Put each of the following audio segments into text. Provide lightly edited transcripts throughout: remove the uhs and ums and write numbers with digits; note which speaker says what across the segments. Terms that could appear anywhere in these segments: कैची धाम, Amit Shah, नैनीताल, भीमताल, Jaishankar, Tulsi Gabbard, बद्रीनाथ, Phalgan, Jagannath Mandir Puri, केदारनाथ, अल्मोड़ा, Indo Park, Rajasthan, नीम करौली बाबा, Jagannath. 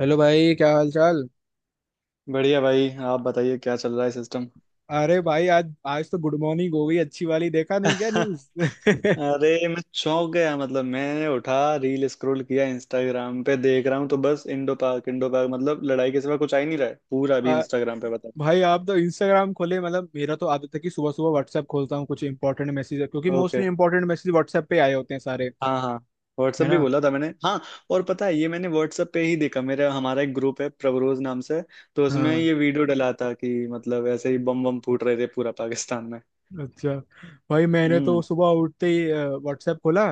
Speaker 1: Hello भाई, क्या हाल चाल।
Speaker 2: बढ़िया भाई, आप बताइए क्या चल रहा है सिस्टम।
Speaker 1: अरे भाई, आज आज तो गुड मॉर्निंग हो गई अच्छी वाली, देखा नहीं क्या न्यूज?
Speaker 2: अरे मैं चौंक गया, मतलब मैंने उठा, रील स्क्रॉल किया, इंस्टाग्राम पे देख रहा हूँ तो बस इंडो पार्क इंडो पार्क, मतलब लड़ाई के सिवा कुछ आ ही नहीं रहा है पूरा अभी
Speaker 1: आ,
Speaker 2: इंस्टाग्राम पे, बताओ।
Speaker 1: भाई आप तो इंस्टाग्राम खोले, मतलब मेरा तो आदत है कि सुबह सुबह व्हाट्सएप खोलता हूँ, कुछ इंपॉर्टेंट मैसेज है क्योंकि mostly
Speaker 2: okay.
Speaker 1: Important message WhatsApp पे आए होते हैं सारे।
Speaker 2: हाँ हाँ, व्हाट्सएप
Speaker 1: है
Speaker 2: भी
Speaker 1: ना।
Speaker 2: बोला था मैंने, हाँ। और पता है, ये मैंने व्हाट्सएप पे ही देखा। मेरा, हमारा एक ग्रुप है प्रवरोज नाम से, तो उसमें
Speaker 1: हाँ।
Speaker 2: ये वीडियो डला था कि मतलब ऐसे ही बम बम फूट रहे थे पूरा पाकिस्तान में।
Speaker 1: अच्छा। भाई मैंने तो
Speaker 2: हम्म
Speaker 1: सुबह उठते ही व्हाट्सएप खोला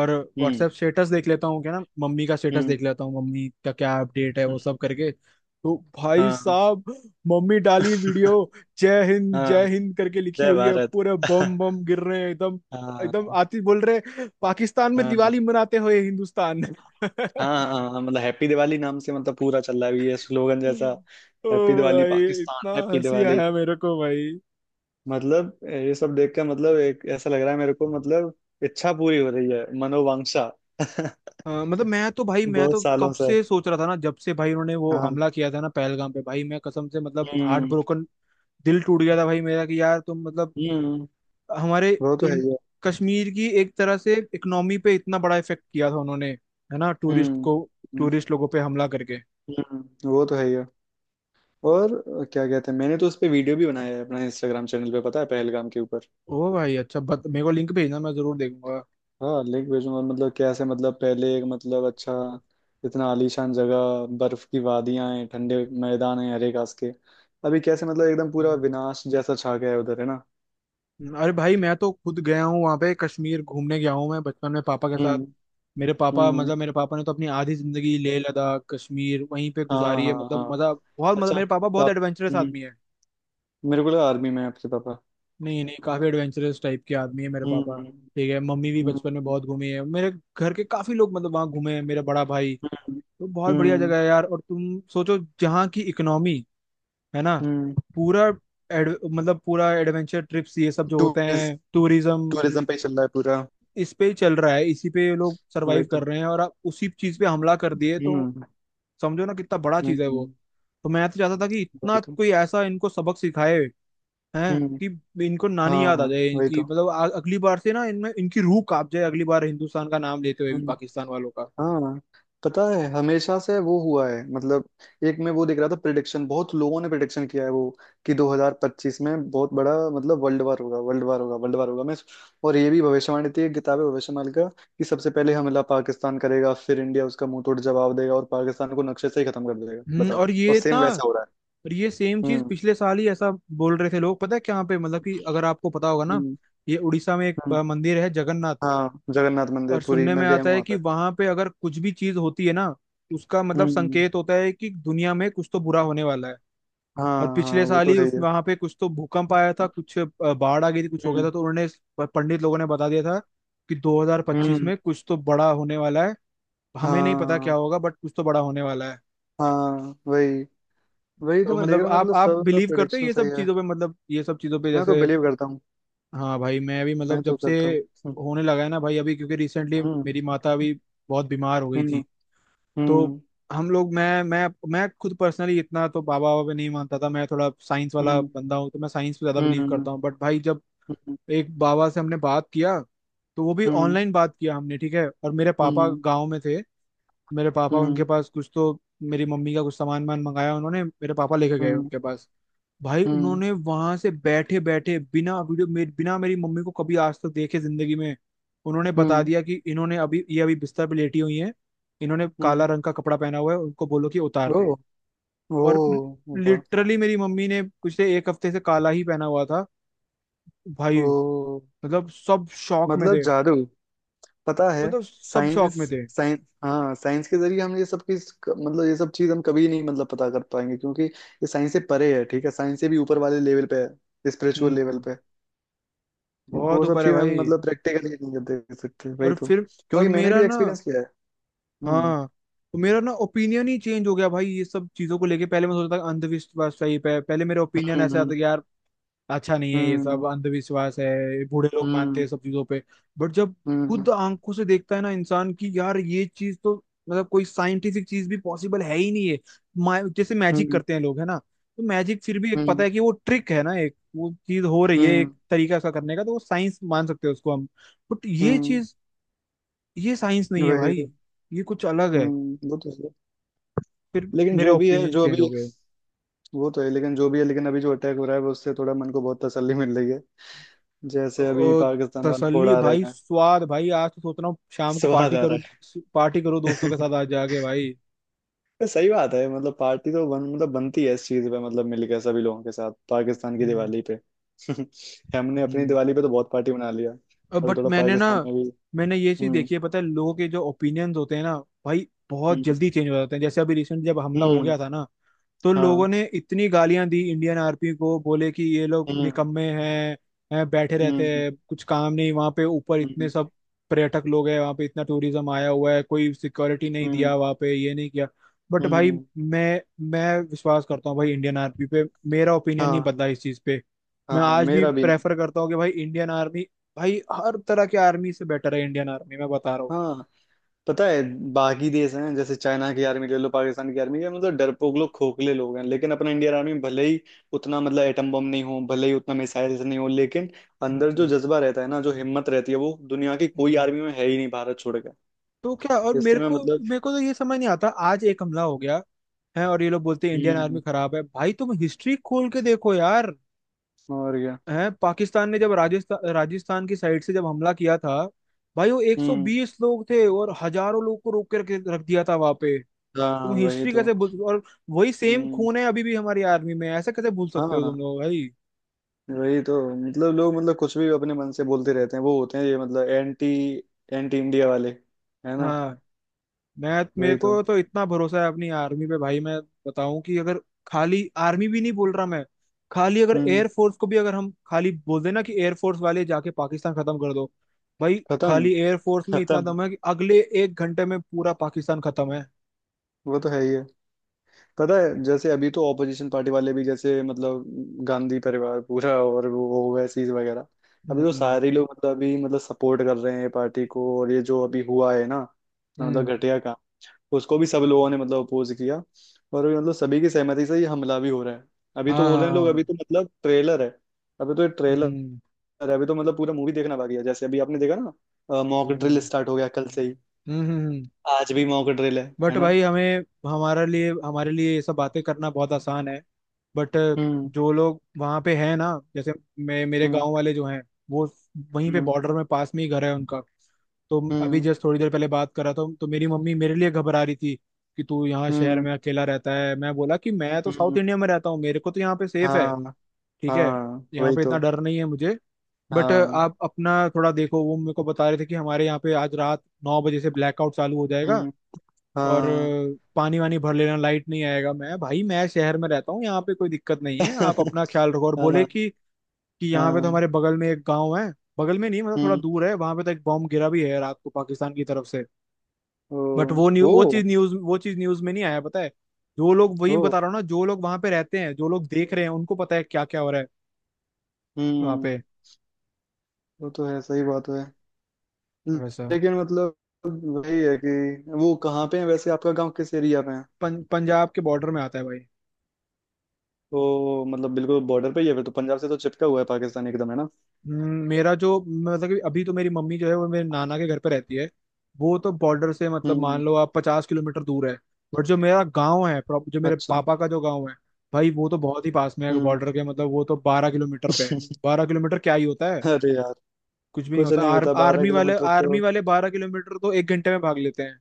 Speaker 1: और
Speaker 2: हम्म
Speaker 1: व्हाट्सएप स्टेटस देख लेता हूँ क्या ना, मम्मी का स्टेटस
Speaker 2: हम्म
Speaker 1: देख लेता हूँ, मम्मी का क्या अपडेट है, वो सब
Speaker 2: हम्म,
Speaker 1: करके। तो भाई
Speaker 2: हाँ।
Speaker 1: साहब, मम्मी डाली वीडियो
Speaker 2: हाँ,
Speaker 1: जय हिंद करके, लिखी
Speaker 2: जय
Speaker 1: हुई है
Speaker 2: भारत।
Speaker 1: पूरे बम बम गिर रहे हैं एकदम। एकदम
Speaker 2: हाँ
Speaker 1: आती बोल रहे हैं, पाकिस्तान में
Speaker 2: हाँ
Speaker 1: दिवाली मनाते हुए हिंदुस्तान।
Speaker 2: हाँ हाँ हाँ, मतलब हैप्पी दिवाली नाम से मतलब पूरा चल रहा है ये स्लोगन जैसा।
Speaker 1: ओ
Speaker 2: हैप्पी दिवाली
Speaker 1: भाई, इतना
Speaker 2: पाकिस्तान, हैप्पी
Speaker 1: हंसी
Speaker 2: दिवाली।
Speaker 1: आया मेरे को भाई।
Speaker 2: मतलब ये सब देख कर मतलब एक ऐसा लग रहा है मेरे को, मतलब इच्छा पूरी हो रही है, मनोवांछा।
Speaker 1: हाँ, मतलब मैं तो भाई, मैं
Speaker 2: बहुत
Speaker 1: तो
Speaker 2: सालों
Speaker 1: कब
Speaker 2: से,
Speaker 1: से सोच रहा था ना, जब से भाई उन्होंने वो
Speaker 2: हाँ।
Speaker 1: हमला किया था ना पहलगाम पे, भाई मैं कसम से मतलब हार्ट
Speaker 2: हम्म
Speaker 1: ब्रोकन, दिल टूट गया था भाई मेरा कि यार तुम मतलब
Speaker 2: हम्म,
Speaker 1: हमारे
Speaker 2: वो तो है
Speaker 1: इन,
Speaker 2: ही है।
Speaker 1: कश्मीर की एक तरह से इकोनॉमी पे इतना बड़ा इफेक्ट किया था उन्होंने, है ना, टूरिस्ट
Speaker 2: हम्म
Speaker 1: को,
Speaker 2: हम्म
Speaker 1: टूरिस्ट लोगों पे हमला करके।
Speaker 2: वो तो है ही है। और क्या कहते हैं, मैंने तो उस पे वीडियो भी बनाया है अपना इंस्टाग्राम चैनल पे, पता है, पहलगाम के ऊपर।
Speaker 1: ओ भाई अच्छा मेरे को लिंक भेजना, मैं जरूर देखूंगा।
Speaker 2: हाँ लिंक भेजूंगा। मतलब कैसे मतलब पहले एक मतलब अच्छा इतना आलीशान जगह, बर्फ की वादियां हैं, ठंडे मैदान हैं, हरे घास के। अभी कैसे मतलब एकदम पूरा विनाश जैसा छा गया है उधर, है ना।
Speaker 1: अरे भाई मैं तो खुद गया हूँ वहां पे, कश्मीर घूमने गया हूँ मैं बचपन में पापा के साथ।
Speaker 2: हम्म
Speaker 1: मेरे पापा,
Speaker 2: हम्म,
Speaker 1: मतलब मेरे पापा ने तो अपनी आधी जिंदगी लेह लद्दाख कश्मीर वहीं पे
Speaker 2: हाँ
Speaker 1: गुजारी है,
Speaker 2: हाँ हाँ।
Speaker 1: मतलब मजा बहुत, मतलब
Speaker 2: अच्छा
Speaker 1: मेरे
Speaker 2: आप,
Speaker 1: पापा बहुत
Speaker 2: आप-
Speaker 1: एडवेंचरस
Speaker 2: हम्म,
Speaker 1: आदमी है।
Speaker 2: मेरे को लगा आर्मी में है आपके पापा।
Speaker 1: नहीं नहीं, काफी एडवेंचरस टाइप के आदमी है मेरे पापा।
Speaker 2: हम्म
Speaker 1: ठीक है, मम्मी भी बचपन में
Speaker 2: हम्म
Speaker 1: बहुत घूमी है, मेरे घर के काफी लोग, मतलब वहाँ घूमे हैं, मेरा बड़ा भाई।
Speaker 2: हम्म
Speaker 1: तो बहुत बढ़िया
Speaker 2: हम्म
Speaker 1: जगह है यार, और तुम सोचो जहाँ की इकोनॉमी है ना,
Speaker 2: हम्म।
Speaker 1: पूरा मतलब पूरा एडवेंचर ट्रिप्स ये सब जो होते
Speaker 2: टूरिस्ट,
Speaker 1: हैं, टूरिज्म
Speaker 2: टूरिज्म पे ही चल रहा है पूरा।
Speaker 1: इस पे ही चल रहा है, इसी पे ये लोग
Speaker 2: वही
Speaker 1: सरवाइव
Speaker 2: तो।
Speaker 1: कर रहे हैं, और आप उसी चीज पे हमला कर दिए तो
Speaker 2: हम्म
Speaker 1: समझो ना कितना बड़ा चीज है
Speaker 2: हम्म।
Speaker 1: वो। तो मैं तो चाहता था कि इतना
Speaker 2: वही तो।
Speaker 1: कोई ऐसा इनको सबक सिखाए, हैं
Speaker 2: हम्म।
Speaker 1: कि इनको
Speaker 2: हाँ
Speaker 1: नानी याद आ
Speaker 2: हाँ
Speaker 1: जाए
Speaker 2: वही
Speaker 1: इनकी,
Speaker 2: तो।
Speaker 1: मतलब अगली बार से ना इनमें, इनकी रूह कांप जाए अगली बार हिंदुस्तान का नाम लेते हुए भी,
Speaker 2: हम्म।
Speaker 1: पाकिस्तान वालों का।
Speaker 2: हाँ, पता है हमेशा से वो हुआ है, मतलब एक में वो दिख रहा था प्रिडिक्शन, बहुत लोगों ने प्रिडिक्शन किया है वो, कि 2025 में बहुत बड़ा मतलब वर्ल्ड वार होगा, वर्ल्ड वार होगा, वर्ल्ड वार होगा। मैं, और ये भी भविष्यवाणी थी, एक किताब है भविष्यवाणी का, कि सबसे पहले हमला पाकिस्तान करेगा, फिर इंडिया उसका मुंह तोड़ जवाब देगा और पाकिस्तान को नक्शे से ही खत्म कर देगा,
Speaker 1: हम्म।
Speaker 2: बताओ, और सेम वैसा हो रहा
Speaker 1: और ये सेम
Speaker 2: है।
Speaker 1: चीज पिछले साल ही ऐसा बोल रहे थे लोग, पता है क्या पे, मतलब कि अगर आपको पता होगा ना,
Speaker 2: हम्म
Speaker 1: ये उड़ीसा में एक
Speaker 2: हम्म।
Speaker 1: मंदिर है जगन्नाथ।
Speaker 2: हाँ, जगन्नाथ मंदिर
Speaker 1: और
Speaker 2: पुरी,
Speaker 1: सुनने में
Speaker 2: मैं गया
Speaker 1: आता
Speaker 2: हूँ
Speaker 1: है
Speaker 2: वहाँ
Speaker 1: कि
Speaker 2: पे।
Speaker 1: वहां पे अगर कुछ भी चीज होती है ना, उसका मतलब
Speaker 2: हम्म।
Speaker 1: संकेत होता है कि दुनिया में कुछ तो बुरा होने वाला है।
Speaker 2: हाँ
Speaker 1: और
Speaker 2: हाँ,
Speaker 1: पिछले
Speaker 2: वो
Speaker 1: साल
Speaker 2: तो
Speaker 1: ही
Speaker 2: है
Speaker 1: उस
Speaker 2: ही है।
Speaker 1: वहां पे कुछ तो भूकंप आया था, कुछ बाढ़ आ गई थी, कुछ हो गया था,
Speaker 2: हम्म
Speaker 1: तो उन्होंने पंडित लोगों ने बता दिया था कि 2025
Speaker 2: हम्म।
Speaker 1: में कुछ तो बड़ा होने वाला है, हमें नहीं पता क्या
Speaker 2: हाँ
Speaker 1: होगा, बट कुछ तो बड़ा होने वाला है।
Speaker 2: हाँ वही, वही तो
Speaker 1: तो
Speaker 2: मैं देख
Speaker 1: मतलब
Speaker 2: रहा हूँ,
Speaker 1: आप
Speaker 2: मतलब
Speaker 1: आप
Speaker 2: सब मेरा
Speaker 1: बिलीव करते हो
Speaker 2: प्रेडिक्शन
Speaker 1: ये
Speaker 2: सही
Speaker 1: सब
Speaker 2: है।
Speaker 1: चीजों पे, मतलब ये सब चीजों पे
Speaker 2: मैं तो
Speaker 1: जैसे।
Speaker 2: बिलीव करता हूँ।
Speaker 1: हाँ भाई, मैं भी
Speaker 2: मैं
Speaker 1: मतलब जब
Speaker 2: तो
Speaker 1: से
Speaker 2: करता हूँ।
Speaker 1: होने लगा है ना भाई, अभी क्योंकि रिसेंटली
Speaker 2: हम्म
Speaker 1: मेरी माता अभी बहुत बीमार हो गई
Speaker 2: हम्म
Speaker 1: थी, तो
Speaker 2: हम्म
Speaker 1: हम लोग, मैं खुद पर्सनली इतना तो बाबा बाबा पे नहीं मानता था, मैं थोड़ा साइंस वाला
Speaker 2: हम्म
Speaker 1: बंदा हूँ, तो मैं साइंस पे ज्यादा बिलीव
Speaker 2: हम्म
Speaker 1: करता हूँ, बट भाई जब
Speaker 2: हम्म
Speaker 1: एक बाबा से हमने बात किया, तो वो भी
Speaker 2: हम्म
Speaker 1: ऑनलाइन बात किया हमने, ठीक है, और मेरे पापा
Speaker 2: हम्म
Speaker 1: गाँव में थे, मेरे पापा उनके
Speaker 2: हम्म
Speaker 1: पास, कुछ तो मेरी मम्मी का कुछ सामान वामान मंगाया उन्होंने, मेरे पापा लेके गए
Speaker 2: हम्म
Speaker 1: उनके पास। भाई
Speaker 2: हम्म हम्म
Speaker 1: उन्होंने वहां से बैठे बैठे, बिना वीडियो मेरे, बिना मेरी मम्मी को कभी आज तक देखे जिंदगी में, उन्होंने बता
Speaker 2: हम्म।
Speaker 1: दिया कि इन्होंने अभी, ये अभी बिस्तर पे लेटी हुई हैं, इन्होंने काला
Speaker 2: हम्म।
Speaker 1: रंग का कपड़ा पहना हुआ है, उनको बोलो कि उतार दे।
Speaker 2: ओ। ओ।
Speaker 1: और
Speaker 2: वाह।
Speaker 1: लिटरली मेरी मम्मी ने पिछले एक हफ्ते से काला ही पहना हुआ था भाई।
Speaker 2: ओ।
Speaker 1: मतलब सब शौक में
Speaker 2: मतलब
Speaker 1: थे,
Speaker 2: जादू, पता है।
Speaker 1: मतलब सब शौक
Speaker 2: साइंस
Speaker 1: में थे।
Speaker 2: साइंस हाँ, साइंस के जरिए हम ये सब की मतलब ये सब चीज हम कभी नहीं मतलब पता कर पाएंगे, क्योंकि ये साइंस से परे है। ठीक है, साइंस से भी ऊपर वाले लेवल पे है, स्पिरिचुअल लेवल
Speaker 1: हम्म।
Speaker 2: पे।
Speaker 1: बहुत
Speaker 2: वो सब
Speaker 1: ऊपर है
Speaker 2: चीज हम
Speaker 1: भाई।
Speaker 2: मतलब प्रैक्टिकली नहीं देख सकते, वही
Speaker 1: और
Speaker 2: तो।
Speaker 1: फिर और
Speaker 2: क्योंकि मैंने
Speaker 1: मेरा
Speaker 2: भी
Speaker 1: ना
Speaker 2: एक्सपीरियंस किया है। हम्म
Speaker 1: हाँ, तो मेरा ना ओपिनियन ही चेंज हो गया भाई ये सब चीजों को लेके। पहले मैं सोचता था अंधविश्वास टाइप है, पहले मेरा ओपिनियन ऐसा आता था कि
Speaker 2: हम्म
Speaker 1: यार अच्छा नहीं है ये
Speaker 2: हम्म
Speaker 1: सब, अंधविश्वास है, बूढ़े लोग मानते
Speaker 2: हम्म
Speaker 1: हैं सब चीजों पे। बट जब
Speaker 2: हम्म
Speaker 1: खुद आंखों से देखता है ना इंसान कि यार ये चीज तो मतलब कोई साइंटिफिक चीज भी पॉसिबल है ही नहीं है। जैसे मैजिक
Speaker 2: हम्म
Speaker 1: करते हैं लोग है ना, तो मैजिक फिर भी, एक पता
Speaker 2: हम्म
Speaker 1: है कि वो ट्रिक है ना, एक वो चीज हो रही है, एक
Speaker 2: हम्म
Speaker 1: तरीका उसका करने का, तो वो साइंस मान सकते हैं उसको हम। बट ये
Speaker 2: हम्म,
Speaker 1: चीज, ये साइंस नहीं है
Speaker 2: वही तो।
Speaker 1: भाई, ये कुछ अलग है।
Speaker 2: हम्म। वो तो है,
Speaker 1: फिर
Speaker 2: लेकिन
Speaker 1: मेरे
Speaker 2: जो भी है
Speaker 1: ओपिनियन
Speaker 2: जो
Speaker 1: चेंज हो
Speaker 2: अभी,
Speaker 1: गए।
Speaker 2: वो तो है, लेकिन जो भी है, लेकिन अभी जो अटैक हो रहा है वो, उससे थोड़ा मन को बहुत तसल्ली मिल रही है। जैसे अभी
Speaker 1: ओ,
Speaker 2: पाकिस्तान वाला कोड
Speaker 1: तसल्ली
Speaker 2: आ रहे
Speaker 1: भाई,
Speaker 2: हैं।
Speaker 1: स्वाद भाई, आज तो सोच रहा हूँ शाम को
Speaker 2: स्वाद
Speaker 1: पार्टी
Speaker 2: आ
Speaker 1: करूँ,
Speaker 2: रहा
Speaker 1: पार्टी करूँ दोस्तों
Speaker 2: है।
Speaker 1: के साथ आज जाके भाई।
Speaker 2: ये सही बात है, मतलब पार्टी तो बन, मतलब बनती है इस चीज पे, मतलब मिलकर सभी लोगों के साथ, पाकिस्तान की दिवाली पे। हमने अपनी
Speaker 1: हम्म।
Speaker 2: दिवाली पे तो बहुत पार्टी बना लिया, अभी
Speaker 1: बट
Speaker 2: थोड़ा पाकिस्तान में भी।
Speaker 1: मैंने ये चीज
Speaker 2: हम्म
Speaker 1: देखी है, पता है, लोगों के जो ओपिनियंस होते हैं ना भाई, बहुत
Speaker 2: हम्म
Speaker 1: जल्दी चेंज हो जाते हैं, जैसे अभी रिसेंट जब हमला हो
Speaker 2: हम्म,
Speaker 1: गया था ना, तो लोगों
Speaker 2: हाँ।
Speaker 1: ने इतनी गालियां दी इंडियन आर्मी को, बोले कि ये लोग
Speaker 2: हम्म
Speaker 1: निकम्मे हैं बैठे रहते
Speaker 2: हम्म
Speaker 1: हैं, कुछ काम नहीं, वहां पे ऊपर इतने
Speaker 2: हम्म
Speaker 1: सब पर्यटक लोग हैं, वहां पे इतना टूरिज्म आया हुआ है, कोई सिक्योरिटी नहीं
Speaker 2: हम्म
Speaker 1: दिया वहां पे, ये नहीं किया। बट भाई,
Speaker 2: हम्म,
Speaker 1: मैं मैं विश्वास करता हूँ भाई इंडियन आर्मी पे, मेरा ओपिनियन नहीं
Speaker 2: हाँ
Speaker 1: बदला इस चीज पे। मैं
Speaker 2: हाँ,
Speaker 1: आज भी
Speaker 2: मेरा भी नहीं।
Speaker 1: प्रेफर करता हूँ कि भाई इंडियन आर्मी, भाई हर तरह की आर्मी से बेटर है इंडियन आर्मी, मैं बता रहा हूँ।
Speaker 2: हाँ, पता है, बाकी देश हैं जैसे चाइना की आर्मी ले लो, पाकिस्तान की आर्मी, ये मतलब डरपोक लोग, खोखले लोग हैं, लेकिन अपना इंडियन आर्मी, भले ही उतना मतलब एटम बम नहीं हो, भले ही उतना मिसाइल्स नहीं हो, लेकिन अंदर
Speaker 1: हम्म,
Speaker 2: जो जज्बा रहता है ना, जो हिम्मत रहती है, वो दुनिया की कोई
Speaker 1: हम्म।
Speaker 2: आर्मी में है ही नहीं, भारत छोड़ के।
Speaker 1: तो क्या, और
Speaker 2: इससे
Speaker 1: मेरे
Speaker 2: मैं
Speaker 1: को
Speaker 2: मतलब,
Speaker 1: मेरे को तो ये समझ नहीं आता, आज एक हमला हो गया हैं और ये लोग बोलते हैं इंडियन
Speaker 2: हम्म,
Speaker 1: आर्मी खराब है, भाई तुम हिस्ट्री खोल के देखो यार।
Speaker 2: और क्या।
Speaker 1: हैं पाकिस्तान ने जब राजस्थान राजस्थान की साइड से जब हमला किया था, भाई वो
Speaker 2: हम्म,
Speaker 1: 120 लोग थे और हजारों लोग को रोक के रख दिया था वहां पे।
Speaker 2: हाँ
Speaker 1: तुम
Speaker 2: वही
Speaker 1: हिस्ट्री
Speaker 2: तो।
Speaker 1: कैसे भूल, और वही सेम
Speaker 2: हम्म।
Speaker 1: खून है अभी भी हमारी आर्मी में, ऐसा कैसे भूल सकते हो
Speaker 2: हाँ
Speaker 1: तुम लोग भाई।
Speaker 2: वही तो, मतलब लोग मतलब कुछ भी अपने मन से बोलते रहते हैं। वो होते हैं ये मतलब एंटी, एंटी इंडिया वाले, है ना।
Speaker 1: हाँ, मैं, मेरे
Speaker 2: वही तो।
Speaker 1: को तो इतना भरोसा है अपनी आर्मी पे भाई, मैं बताऊं कि अगर, खाली आर्मी भी नहीं बोल रहा मैं, खाली अगर
Speaker 2: हम्म।
Speaker 1: एयरफोर्स को भी, अगर हम खाली बोल देना कि एयरफोर्स वाले जाके पाकिस्तान खत्म कर दो, भाई
Speaker 2: खत्म।
Speaker 1: खाली एयरफोर्स में इतना
Speaker 2: खत्म।
Speaker 1: दम है कि अगले एक घंटे में पूरा पाकिस्तान खत्म है।
Speaker 2: वो तो है ही है। पता है, जैसे अभी तो ऑपोजिशन पार्टी वाले भी जैसे मतलब गांधी परिवार पूरा और वो ओवैसीज वगैरह, अभी तो
Speaker 1: हम्म,
Speaker 2: सारे लोग मतलब अभी मतलब सपोर्ट कर रहे हैं पार्टी को। और ये जो अभी हुआ है ना, मतलब
Speaker 1: हम्म,
Speaker 2: घटिया काम, उसको भी सब लोगों ने मतलब अपोज किया। और अभी मतलब सभी की सहमति से ये हमला भी हो रहा है। अभी तो
Speaker 1: हाँ
Speaker 2: बोल
Speaker 1: हाँ
Speaker 2: रहे हैं लोग,
Speaker 1: हाँ,
Speaker 2: अभी तो मतलब ट्रेलर है। अभी तो ये ट्रेलर
Speaker 1: हम्म,
Speaker 2: है, अभी तो मतलब पूरा मूवी देखना बाकी है। जैसे अभी आपने देखा ना, मॉक ड्रिल
Speaker 1: हम्म,
Speaker 2: स्टार्ट हो गया कल से ही।
Speaker 1: हम्म,
Speaker 2: आज भी मॉक ड्रिल है
Speaker 1: बट
Speaker 2: है ना।
Speaker 1: भाई हमें, हमारे लिए ये सब बातें करना बहुत आसान है। बट
Speaker 2: हम्म
Speaker 1: जो लोग वहाँ पे हैं ना, जैसे मैं मेरे
Speaker 2: हम्म
Speaker 1: गांव वाले जो हैं, वो वहीं पे
Speaker 2: हम्म
Speaker 1: बॉर्डर में पास में ही घर है उनका। तो अभी
Speaker 2: हम्म
Speaker 1: जस्ट थोड़ी देर पहले बात कर रहा था तो मेरी मम्मी मेरे लिए घबरा रही थी कि तू यहाँ शहर
Speaker 2: हम्म
Speaker 1: में अकेला रहता है, मैं बोला कि मैं तो साउथ
Speaker 2: हम्म,
Speaker 1: इंडिया में रहता हूँ, मेरे को तो यहाँ पे सेफ है,
Speaker 2: हाँ
Speaker 1: ठीक है,
Speaker 2: हाँ
Speaker 1: यहाँ
Speaker 2: वही
Speaker 1: पे
Speaker 2: तो।
Speaker 1: इतना डर नहीं है मुझे। बट
Speaker 2: हाँ।
Speaker 1: आप अपना थोड़ा देखो, वो मेरे को बता रहे थे कि हमारे यहाँ पे आज रात 9 बजे से ब्लैकआउट चालू हो जाएगा
Speaker 2: हम्म।
Speaker 1: और
Speaker 2: हाँ।
Speaker 1: पानी वानी भर लेना, लाइट नहीं आएगा। मैं भाई मैं शहर में रहता हूँ, यहाँ पे कोई दिक्कत नहीं है, आप अपना ख्याल रखो, और बोले
Speaker 2: हाँ।
Speaker 1: कि यहाँ पे तो
Speaker 2: हाँ।
Speaker 1: हमारे बगल में एक गांव है, बगल में नहीं मतलब थोड़ा
Speaker 2: हम्म।
Speaker 1: दूर है, वहां पे तो एक बॉम्ब गिरा भी है रात को पाकिस्तान की तरफ से,
Speaker 2: ओ।
Speaker 1: बट वो न्यू
Speaker 2: ओ।
Speaker 1: वो चीज न्यूज में नहीं आया, पता है। जो लोग, वही
Speaker 2: ओ।
Speaker 1: बता रहा हूँ ना, जो लोग वहां पे रहते हैं, जो लोग देख रहे हैं, उनको पता है क्या क्या हो रहा है वहां
Speaker 2: हम्म।
Speaker 1: पे,
Speaker 2: वो तो है, सही बात है,
Speaker 1: वैसा।
Speaker 2: लेकिन मतलब वही है कि, वो कहाँ पे है वैसे, आपका गांव किस एरिया में है।
Speaker 1: पंजाब के बॉर्डर में आता है भाई।
Speaker 2: तो मतलब बिल्कुल बॉर्डर पे ही है फिर तो, पंजाब से तो चिपका हुआ है पाकिस्तान एकदम, है ना।
Speaker 1: मेरा जो, मतलब कि अभी तो मेरी मम्मी जो है वो मेरे नाना के घर पे रहती है, वो तो बॉर्डर से मतलब मान
Speaker 2: हम्म।
Speaker 1: लो आप 50 किलोमीटर दूर है। बट जो मेरा गांव है, जो मेरे
Speaker 2: अच्छा।
Speaker 1: पापा का जो गांव है, भाई वो तो बहुत ही पास में है
Speaker 2: हम्म।
Speaker 1: बॉर्डर के, मतलब वो तो 12 किलोमीटर पे है। 12 किलोमीटर क्या ही होता है,
Speaker 2: अरे यार,
Speaker 1: कुछ भी नहीं
Speaker 2: कुछ
Speaker 1: होता,
Speaker 2: नहीं
Speaker 1: आर,
Speaker 2: होता बारह किलोमीटर
Speaker 1: आर्मी
Speaker 2: तो।
Speaker 1: वाले 12 किलोमीटर तो एक घंटे में भाग लेते हैं।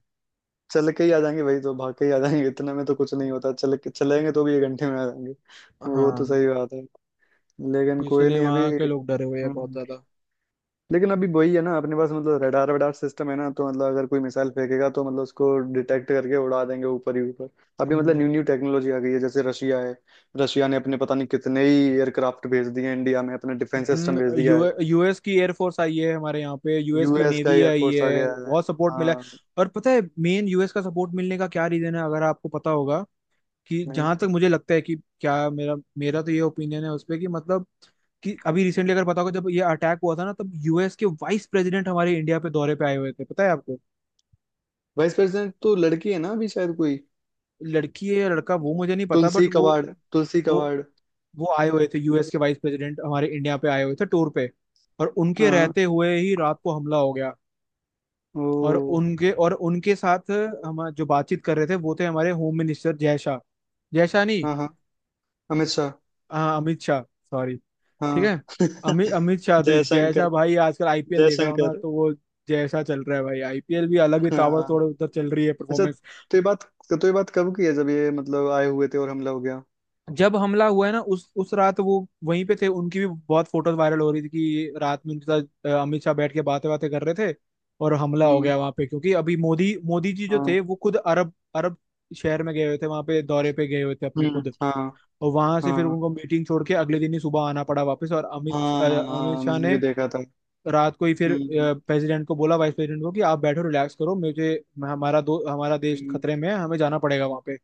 Speaker 2: चल के ही आ जाएंगे भाई, तो भाग के ही आ जाएंगे, इतने में तो कुछ नहीं होता, चल के चलेंगे तो भी 1 घंटे में आ जाएंगे। वो तो
Speaker 1: हाँ,
Speaker 2: सही बात है, लेकिन
Speaker 1: तो
Speaker 2: कोई
Speaker 1: इसलिए
Speaker 2: नहीं अभी।
Speaker 1: वहाँ के लोग डरे हुए हैं बहुत
Speaker 2: हम्म,
Speaker 1: ज्यादा।
Speaker 2: लेकिन अभी वही है ना, अपने पास मतलब रडार वडार सिस्टम है ना, तो मतलब अगर कोई मिसाइल फेंकेगा तो मतलब उसको डिटेक्ट करके उड़ा देंगे ऊपर ही ऊपर। अभी मतलब
Speaker 1: हम्म,
Speaker 2: न्यू न्यू टेक्नोलॉजी आ गई है। जैसे रशिया है, रशिया ने अपने पता नहीं कितने ही एयरक्राफ्ट भेज दिए हैं इंडिया में, अपने डिफेंस सिस्टम
Speaker 1: हम्म।
Speaker 2: भेज दिया
Speaker 1: यू
Speaker 2: है।
Speaker 1: यूएस की एयरफोर्स आई है हमारे यहाँ पे, यूएस की
Speaker 2: यूएस का
Speaker 1: नेवी आई
Speaker 2: एयरफोर्स आ
Speaker 1: है,
Speaker 2: गया है।
Speaker 1: बहुत सपोर्ट मिला है।
Speaker 2: हाँ।
Speaker 1: और पता है मेन यूएस का सपोर्ट मिलने का क्या रीजन है, अगर आपको पता होगा, कि
Speaker 2: नहीं,
Speaker 1: जहां तक मुझे लगता है कि क्या, मेरा मेरा तो ये ओपिनियन है उस पे कि मतलब, कि अभी रिसेंटली अगर पता होगा जब ये अटैक हुआ था ना, तब यूएस के वाइस प्रेसिडेंट हमारे इंडिया पे दौरे पे आए हुए थे, पता है आपको।
Speaker 2: वाइस प्रेसिडेंट तो लड़की है ना अभी शायद कोई,
Speaker 1: लड़की है या लड़का वो मुझे नहीं पता बट
Speaker 2: तुलसी कवाड़, तुलसी
Speaker 1: वो
Speaker 2: कवाड़।
Speaker 1: वो आए हुए थे, यूएस के वाइस प्रेसिडेंट हमारे इंडिया पे आए हुए थे टूर पे, और उनके
Speaker 2: हाँ हाँ।
Speaker 1: रहते हुए ही रात को हमला हो गया।
Speaker 2: ओ।
Speaker 1: और उनके, और उनके साथ हम जो बातचीत कर रहे थे वो थे हमारे होम मिनिस्टर जय शाह, जय शाह नहीं,
Speaker 2: हाँ हाँ, अमित शाह।
Speaker 1: हाँ अमित शाह सॉरी। ठीक
Speaker 2: हाँ।
Speaker 1: है, अमित अमित शाह थे, जय शाह
Speaker 2: जयशंकर,
Speaker 1: भाई आजकल आईपीएल देख रहा हूँ ना
Speaker 2: जयशंकर।
Speaker 1: तो वो जय शाह चल रहा है भाई, आईपीएल भी अलग ही
Speaker 2: हाँ,
Speaker 1: ताबड़तोड़ उधर चल रही है
Speaker 2: अच्छा
Speaker 1: परफॉर्मेंस।
Speaker 2: तो ये बात, तो ये बात कब की है, जब ये मतलब आए हुए थे और हमला हो गया।
Speaker 1: जब हमला हुआ है ना, उस रात वो वहीं पे थे, उनकी भी बहुत फोटोज वायरल हो रही थी कि रात में उनके साथ अमित शाह बैठ के बातें बातें कर रहे थे और हमला हो
Speaker 2: हम्म,
Speaker 1: गया वहां पे, क्योंकि अभी मोदी मोदी जी जो
Speaker 2: हाँ।
Speaker 1: थे वो खुद अरब अरब शहर में गए हुए थे, वहां पे दौरे पे गए हुए थे अपने
Speaker 2: हम्म,
Speaker 1: खुद।
Speaker 2: हाँ।
Speaker 1: और वहां से फिर
Speaker 2: हाँ
Speaker 1: उनको मीटिंग छोड़ के अगले दिन ही सुबह आना पड़ा वापस, और अमित
Speaker 2: हाँ
Speaker 1: अ,
Speaker 2: हाँ
Speaker 1: अमित
Speaker 2: हाँ,
Speaker 1: शाह
Speaker 2: मैंने भी
Speaker 1: ने
Speaker 2: देखा था।
Speaker 1: रात को ही फिर
Speaker 2: हम्म
Speaker 1: प्रेसिडेंट को बोला, वाइस प्रेसिडेंट को कि आप बैठो रिलैक्स करो मुझे, हमारा देश
Speaker 2: हम्म
Speaker 1: खतरे में है, हमें जाना पड़ेगा वहां पे।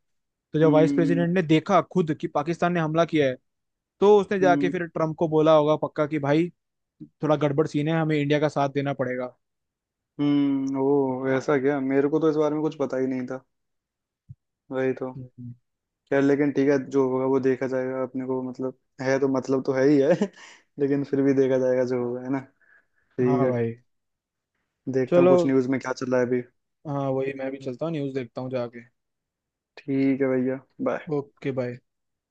Speaker 1: तो जब वाइस
Speaker 2: हम्म
Speaker 1: प्रेसिडेंट ने देखा खुद कि पाकिस्तान ने हमला किया है, तो उसने जाके
Speaker 2: हम्म
Speaker 1: फिर ट्रम्प को बोला होगा पक्का कि भाई थोड़ा गड़बड़ सीन है, हमें इंडिया का साथ देना पड़ेगा।
Speaker 2: ओ ऐसा क्या, मेरे को तो इस बारे में कुछ पता ही नहीं था। वही तो।
Speaker 1: हम्म।
Speaker 2: यार लेकिन ठीक है, जो होगा वो देखा जाएगा अपने को, मतलब है तो मतलब तो है ही है। लेकिन फिर भी देखा जाएगा जो होगा, है ना,
Speaker 1: हाँ
Speaker 2: ठीक है।
Speaker 1: भाई।
Speaker 2: देखता हूँ
Speaker 1: चलो,
Speaker 2: कुछ न्यूज़ में क्या चल रहा है अभी।
Speaker 1: हाँ वही, मैं भी चलता हूँ न्यूज़ देखता हूँ जाके।
Speaker 2: ठीक है भैया, बाय।
Speaker 1: Okay bye.